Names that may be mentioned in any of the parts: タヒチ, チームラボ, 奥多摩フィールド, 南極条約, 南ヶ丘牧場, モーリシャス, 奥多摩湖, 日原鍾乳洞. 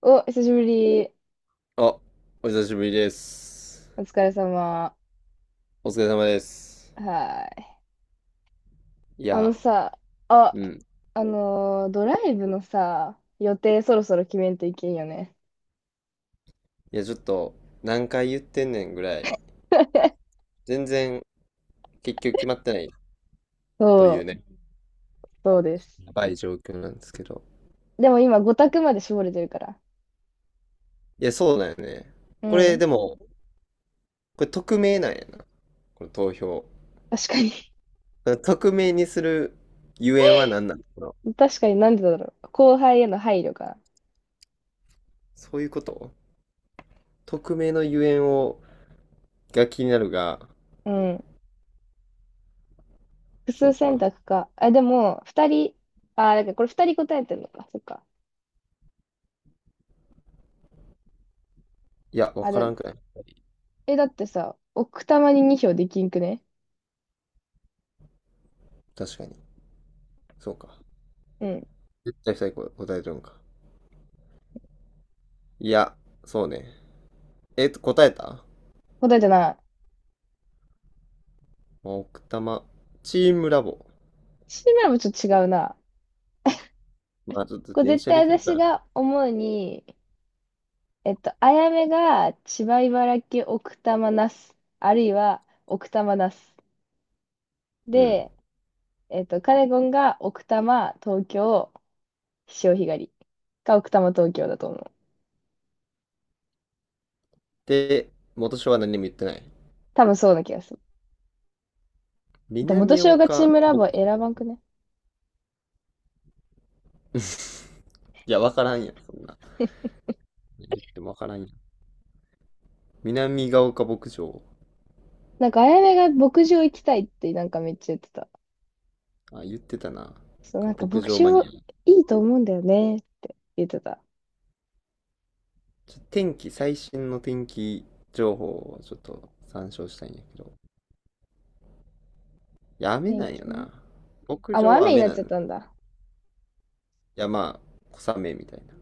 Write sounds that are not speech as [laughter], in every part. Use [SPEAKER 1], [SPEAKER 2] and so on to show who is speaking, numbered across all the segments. [SPEAKER 1] お、久しぶり。
[SPEAKER 2] あ、お久しぶりです。
[SPEAKER 1] お疲れ様。
[SPEAKER 2] お疲れ様です。
[SPEAKER 1] はい。
[SPEAKER 2] い
[SPEAKER 1] あの
[SPEAKER 2] や、
[SPEAKER 1] さ、あ、
[SPEAKER 2] うん。
[SPEAKER 1] ドライブのさ、予定そろそろ決めんといけんよね。
[SPEAKER 2] いや、ちょっと、何回言ってんねんぐらい、
[SPEAKER 1] [laughs]
[SPEAKER 2] 全然結局決まってないという
[SPEAKER 1] そう、
[SPEAKER 2] ね、
[SPEAKER 1] そうです。
[SPEAKER 2] やばい状況なんですけど。
[SPEAKER 1] でも今、5択まで絞れてるから。
[SPEAKER 2] いや、そうだよね。
[SPEAKER 1] う
[SPEAKER 2] これ、
[SPEAKER 1] ん。
[SPEAKER 2] でも、これ匿名なんやな、この投票。
[SPEAKER 1] 確かに。
[SPEAKER 2] 匿名にするゆえんは何なのかな。
[SPEAKER 1] [laughs] 確かになんでだろう。後輩への配慮か。
[SPEAKER 2] そういうこと、匿名のゆえんを、が気になるが、
[SPEAKER 1] うん。複
[SPEAKER 2] そ
[SPEAKER 1] 数
[SPEAKER 2] う
[SPEAKER 1] 選
[SPEAKER 2] か。
[SPEAKER 1] 択か。あ、でも、2人、あ、だからこれ2人答えてるのか。そっか。
[SPEAKER 2] いや、わ
[SPEAKER 1] あ
[SPEAKER 2] から
[SPEAKER 1] れ、
[SPEAKER 2] んくない。
[SPEAKER 1] え、だってさ、奥多摩に2票できんくね？
[SPEAKER 2] 確かに。そうか。
[SPEAKER 1] うん。
[SPEAKER 2] 絶対最後答えとるんか。いや、そうね。答えた
[SPEAKER 1] 答えてない。
[SPEAKER 2] 奥多摩、チームラボ。
[SPEAKER 1] シーマラもちょっと違うな。
[SPEAKER 2] まあ、ちょっと
[SPEAKER 1] これ
[SPEAKER 2] 電
[SPEAKER 1] 絶
[SPEAKER 2] 車で
[SPEAKER 1] 対
[SPEAKER 2] きるか
[SPEAKER 1] 私
[SPEAKER 2] ら。
[SPEAKER 1] が思うに、あやめが千葉茨城奥多摩那須、あるいは奥多摩那須。
[SPEAKER 2] うん。
[SPEAKER 1] で、カネゴンが奥多摩東京潮干狩りか奥多摩東京だと思う。
[SPEAKER 2] で、元署は何も言ってない。
[SPEAKER 1] 多分そうな気がする。で、元
[SPEAKER 2] 南
[SPEAKER 1] 潮がチー
[SPEAKER 2] 岡
[SPEAKER 1] ムラ
[SPEAKER 2] 牧
[SPEAKER 1] ボ
[SPEAKER 2] 場、
[SPEAKER 1] 選ばんくね？
[SPEAKER 2] いや、わからんやん、そんな。言ってもわからんやん。南ヶ丘牧場。
[SPEAKER 1] なんかあやめが牧場行きたいってなんかめっちゃ言ってた。
[SPEAKER 2] あ、言ってたな。なん
[SPEAKER 1] そう、
[SPEAKER 2] か
[SPEAKER 1] なんか
[SPEAKER 2] 牧
[SPEAKER 1] 牧
[SPEAKER 2] 場マ
[SPEAKER 1] 場
[SPEAKER 2] ニア。
[SPEAKER 1] いいと思うんだよねって言ってた。
[SPEAKER 2] ちょ天気、最新の天気情報をちょっと参照したいんやけど。いや雨
[SPEAKER 1] 天
[SPEAKER 2] なんよ
[SPEAKER 1] 気ね。
[SPEAKER 2] な。牧
[SPEAKER 1] あ、もう
[SPEAKER 2] 場は
[SPEAKER 1] 雨に
[SPEAKER 2] 雨
[SPEAKER 1] なっ
[SPEAKER 2] な
[SPEAKER 1] ち
[SPEAKER 2] の。
[SPEAKER 1] ゃっ
[SPEAKER 2] い
[SPEAKER 1] たんだ。
[SPEAKER 2] や、まあ、小雨みたいな。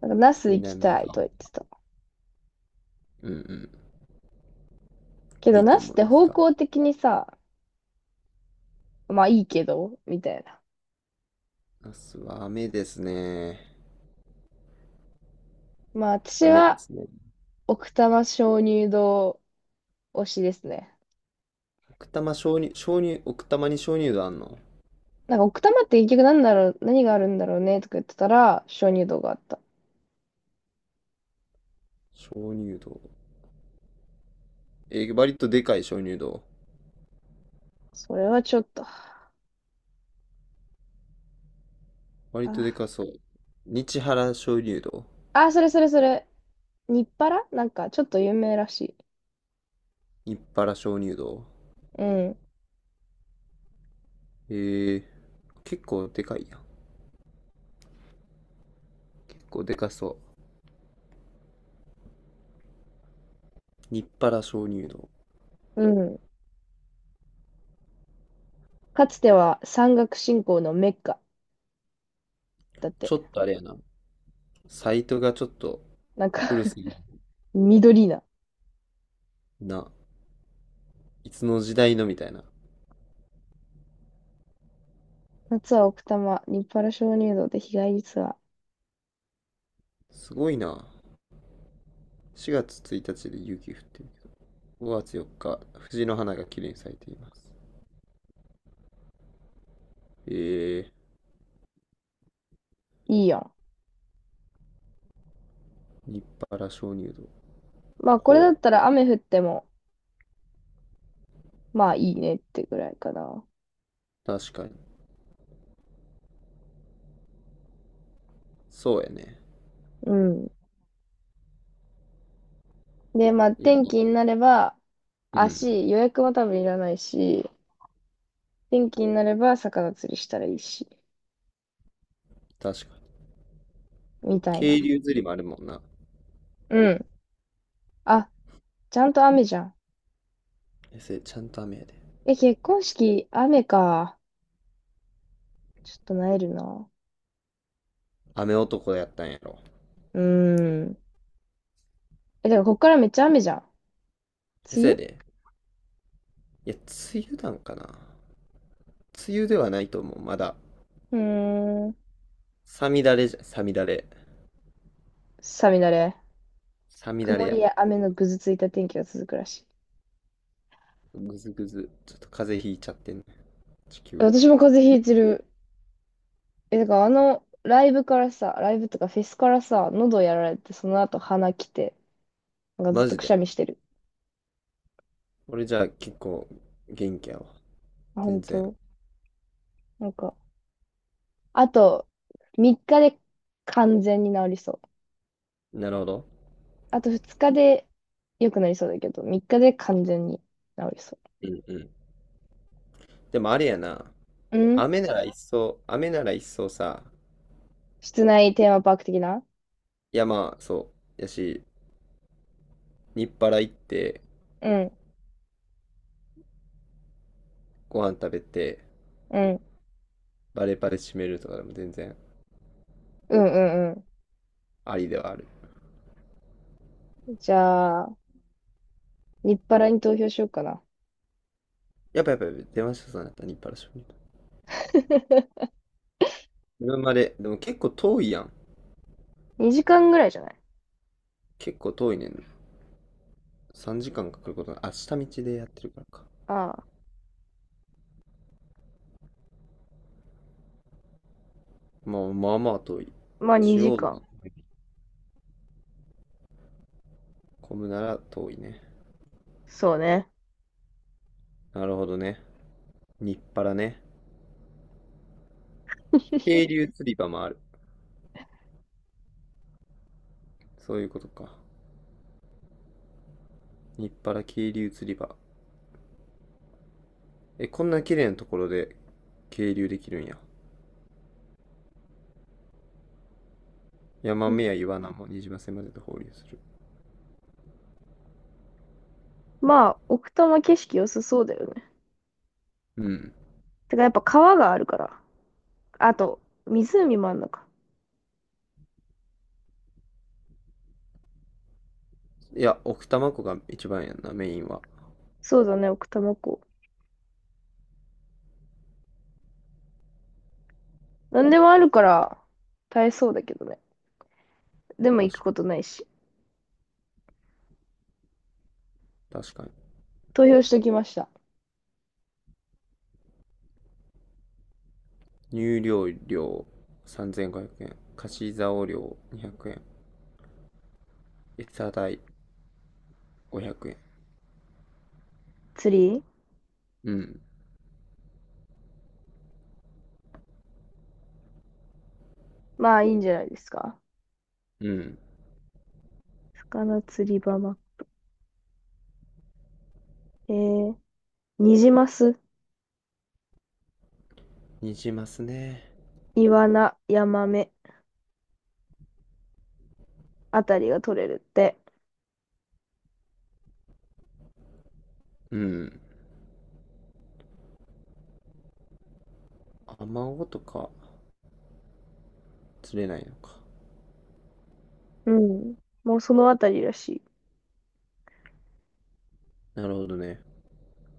[SPEAKER 1] なんか那須行き
[SPEAKER 2] 南
[SPEAKER 1] たい
[SPEAKER 2] が。
[SPEAKER 1] と言ってた。
[SPEAKER 2] うんうん。
[SPEAKER 1] け
[SPEAKER 2] い
[SPEAKER 1] ど、
[SPEAKER 2] いと
[SPEAKER 1] なし
[SPEAKER 2] 思
[SPEAKER 1] っ
[SPEAKER 2] うん
[SPEAKER 1] て
[SPEAKER 2] です
[SPEAKER 1] 方
[SPEAKER 2] が。
[SPEAKER 1] 向的にさ、まあいいけど、みたいな。
[SPEAKER 2] ナスは雨ですね。
[SPEAKER 1] まあ私
[SPEAKER 2] 雨で
[SPEAKER 1] は、
[SPEAKER 2] すね。
[SPEAKER 1] 奥多摩鍾乳洞推しですね。
[SPEAKER 2] 奥多摩鍾乳、鍾乳、奥多摩に鍾乳洞あんの。
[SPEAKER 1] なんか奥多摩って結局なんだろう、何があるんだろうねとか言ってたら、鍾乳洞があった。
[SPEAKER 2] 鍾乳洞。割とでかい鍾乳洞。
[SPEAKER 1] それはちょっと、
[SPEAKER 2] 割
[SPEAKER 1] あ、
[SPEAKER 2] とでかそう。日原鍾乳洞。
[SPEAKER 1] あ、それそれそれ、日原なんかちょっと有名らしい。
[SPEAKER 2] 日原鍾乳洞。
[SPEAKER 1] うん、
[SPEAKER 2] えー、結構でかいやん。結構でかそう。日原鍾乳洞。
[SPEAKER 1] うん。かつては山岳信仰のメッカだって。
[SPEAKER 2] ちょっとあれやな。サイトがちょっと
[SPEAKER 1] なんか
[SPEAKER 2] 古す
[SPEAKER 1] [laughs]
[SPEAKER 2] ぎる
[SPEAKER 1] 緑な。
[SPEAKER 2] な。いつの時代のみたいな。
[SPEAKER 1] 夏は奥多摩、日原鍾乳洞で日帰りツアー。
[SPEAKER 2] すごいな。4月1日で雪降ってる。5月4日、藤の花が綺麗に咲いています。えー、
[SPEAKER 1] いいやん。
[SPEAKER 2] 立派な鍾乳洞。
[SPEAKER 1] まあこれだ
[SPEAKER 2] ほ
[SPEAKER 1] った
[SPEAKER 2] う。
[SPEAKER 1] ら雨降ってもまあいいねってぐらいかな。
[SPEAKER 2] 確かに。そうやね。
[SPEAKER 1] うん。で、まあ
[SPEAKER 2] いや、
[SPEAKER 1] 天気になれば、
[SPEAKER 2] うん。
[SPEAKER 1] 足、予約も多分いらないし、天気になれば魚釣りしたらいいし、
[SPEAKER 2] 確かに。
[SPEAKER 1] みたいな。
[SPEAKER 2] 渓流釣りもあるもんな。
[SPEAKER 1] うん。あ、ちゃんと雨じゃん。
[SPEAKER 2] え、せ、ちゃんと雨やで。
[SPEAKER 1] え、結婚式、雨か。ちょっとなえるな。
[SPEAKER 2] 雨男やったんやろ。
[SPEAKER 1] うーん。え、だからこっからめっちゃ雨じゃん。
[SPEAKER 2] え、
[SPEAKER 1] 梅
[SPEAKER 2] せや
[SPEAKER 1] 雨。
[SPEAKER 2] で。いや、梅雨なんかな。梅雨ではないと思う。まだ。
[SPEAKER 1] うーん。
[SPEAKER 2] さみだれじゃ、さみだれ。
[SPEAKER 1] さみだれ。
[SPEAKER 2] さみだ
[SPEAKER 1] 曇
[SPEAKER 2] れや
[SPEAKER 1] り
[SPEAKER 2] ろ。
[SPEAKER 1] や雨のぐずついた天気が続くらしい。
[SPEAKER 2] ぐずぐず。ちょっと風邪ひいちゃってんね。地球が。
[SPEAKER 1] 私も風邪ひいてる。え、だからライブからさ、ライブとかフェスからさ、喉やられて、その後鼻きて、なんかずっ
[SPEAKER 2] マ
[SPEAKER 1] と
[SPEAKER 2] ジ
[SPEAKER 1] くし
[SPEAKER 2] で。
[SPEAKER 1] ゃみしてる。
[SPEAKER 2] 俺じゃあ結構元気やわ。
[SPEAKER 1] 本
[SPEAKER 2] 全然。
[SPEAKER 1] 当。なんか、あと、3日で完全に治りそう。
[SPEAKER 2] なるほど。
[SPEAKER 1] あと2日で良くなりそうだけど、3日で完全に治りそ
[SPEAKER 2] うんうん。でもあれやな。
[SPEAKER 1] う。うん。
[SPEAKER 2] 雨なら一層、雨なら一層さ、
[SPEAKER 1] 室内テーマパーク的な。
[SPEAKER 2] いやまあそう。やし、日払行って、
[SPEAKER 1] うん、
[SPEAKER 2] ご飯食べて、
[SPEAKER 1] うん、
[SPEAKER 2] バレバレ締めるとかでも全然
[SPEAKER 1] うん、うん、
[SPEAKER 2] ありではある。
[SPEAKER 1] うん。じゃあ、日パラに投票しようかな。
[SPEAKER 2] やっぱやっぱやっぱ出ましたさんやった、日払締める。
[SPEAKER 1] [laughs]
[SPEAKER 2] 車まで、でも結構遠いやん。
[SPEAKER 1] 2時間ぐらいじゃない？
[SPEAKER 2] 結構遠いねん。3時間かんかかることな、あ、下道でやってるからか。
[SPEAKER 1] ああ、
[SPEAKER 2] まあまあまあ遠い。
[SPEAKER 1] まあ
[SPEAKER 2] 中
[SPEAKER 1] 2
[SPEAKER 2] 央
[SPEAKER 1] 時
[SPEAKER 2] に
[SPEAKER 1] 間。
[SPEAKER 2] 混むなら遠いね。
[SPEAKER 1] そうね。
[SPEAKER 2] なるほどね。日払ね。渓流釣り場もある。そういうことか。日払渓流釣り場。え、こんな綺麗なところで渓流できるんや。山目や岩名もにじませまでと放流する。
[SPEAKER 1] まあ、奥多摩景色良さそうだよね。
[SPEAKER 2] うん。
[SPEAKER 1] てか、やっぱ川があるから。あと、湖もあんのか。
[SPEAKER 2] いや、奥多摩湖が一番やんな、メインは。
[SPEAKER 1] そうだね、奥多摩湖。なんでもあるから、耐えそうだけどね。でも行く
[SPEAKER 2] 確
[SPEAKER 1] こ
[SPEAKER 2] か
[SPEAKER 1] とないし。
[SPEAKER 2] に、確かに。
[SPEAKER 1] 投票しときました。
[SPEAKER 2] 入漁料3500円。貸し竿料200円。餌代500円。
[SPEAKER 1] 釣り。
[SPEAKER 2] うん。
[SPEAKER 1] まあ、いいんじゃないですか。
[SPEAKER 2] うん。
[SPEAKER 1] 魚釣り場ま。えー、ニジマス、
[SPEAKER 2] にじますね。
[SPEAKER 1] イワナ、ヤマメあたりが取れるって。
[SPEAKER 2] うん。アマゴとか釣れないのか。
[SPEAKER 1] うん。もうそのあたりらしい。
[SPEAKER 2] なるほどね。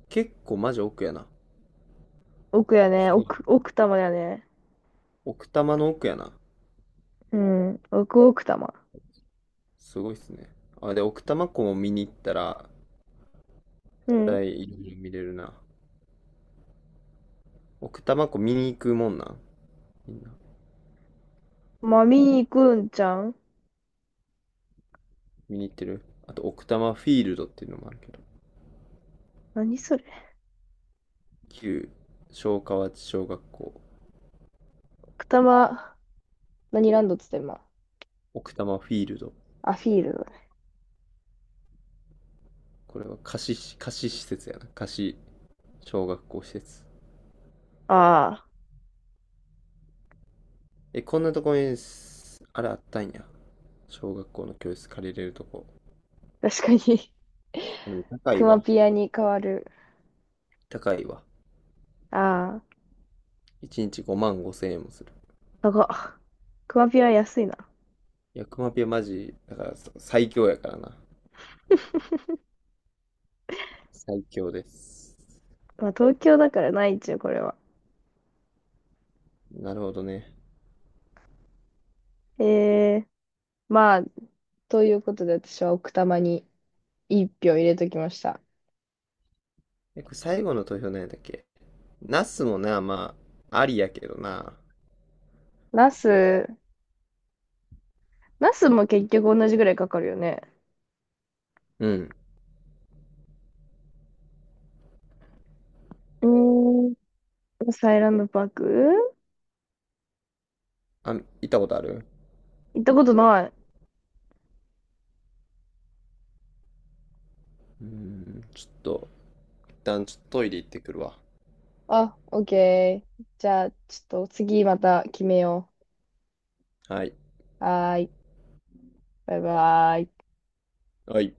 [SPEAKER 2] 結構マジ奥やな。
[SPEAKER 1] 奥やね。奥、奥多摩やね。
[SPEAKER 2] 奥多摩の奥やな。
[SPEAKER 1] うん。奥奥多摩。
[SPEAKER 2] すごいっすね。あ、で、奥多摩湖も見に行ったら、
[SPEAKER 1] う
[SPEAKER 2] 絶
[SPEAKER 1] ん。
[SPEAKER 2] 対いろいろ見れるな。奥多摩湖見に行くもんなんみんな。
[SPEAKER 1] まあ、見に行くんちゃん？
[SPEAKER 2] 見に行ってるあと、奥多摩フィールドっていうのもあるけど。
[SPEAKER 1] 何それ。
[SPEAKER 2] 旧昭和町小学校、
[SPEAKER 1] 奥多摩、何ランドっつってんま。
[SPEAKER 2] 奥多摩フィールド。
[SPEAKER 1] アフィールド。
[SPEAKER 2] これは貸し、貸し施設やな。貸し小学校施設。
[SPEAKER 1] あ
[SPEAKER 2] え、こんなとこにす、あれあったんや。小学校の教室借りれるとこ。
[SPEAKER 1] あ、確かに。
[SPEAKER 2] でも
[SPEAKER 1] [laughs]
[SPEAKER 2] 高い
[SPEAKER 1] クマ
[SPEAKER 2] わ。
[SPEAKER 1] ピアに変わる。
[SPEAKER 2] 高いわ。
[SPEAKER 1] ああ、
[SPEAKER 2] 1日5万5千円もする。
[SPEAKER 1] 高っ。クマピア安いな。
[SPEAKER 2] いや、クマピはマジ、だから最強やからな。最強です。
[SPEAKER 1] まあ、東京だからないっちゅう、これは。
[SPEAKER 2] なるほどね。
[SPEAKER 1] ええ、まあ、ということで私は奥多摩に1票入れときました。
[SPEAKER 2] え、これ最後の投票何やったっけ。ナスもな、まあ、ありやけどな。
[SPEAKER 1] ナス、ナスも結局同じぐらいかかるよね。
[SPEAKER 2] うん。
[SPEAKER 1] うーん、サイランドパーク
[SPEAKER 2] あ、行ったことある
[SPEAKER 1] 行ったことない。
[SPEAKER 2] うん、ちょっと、一旦ちょっとトイレ行ってくるわ。
[SPEAKER 1] あ、オッケー。じゃあ、ちょっと次また決めよ
[SPEAKER 2] はい。
[SPEAKER 1] う。はーい。バイバーイ。
[SPEAKER 2] はい。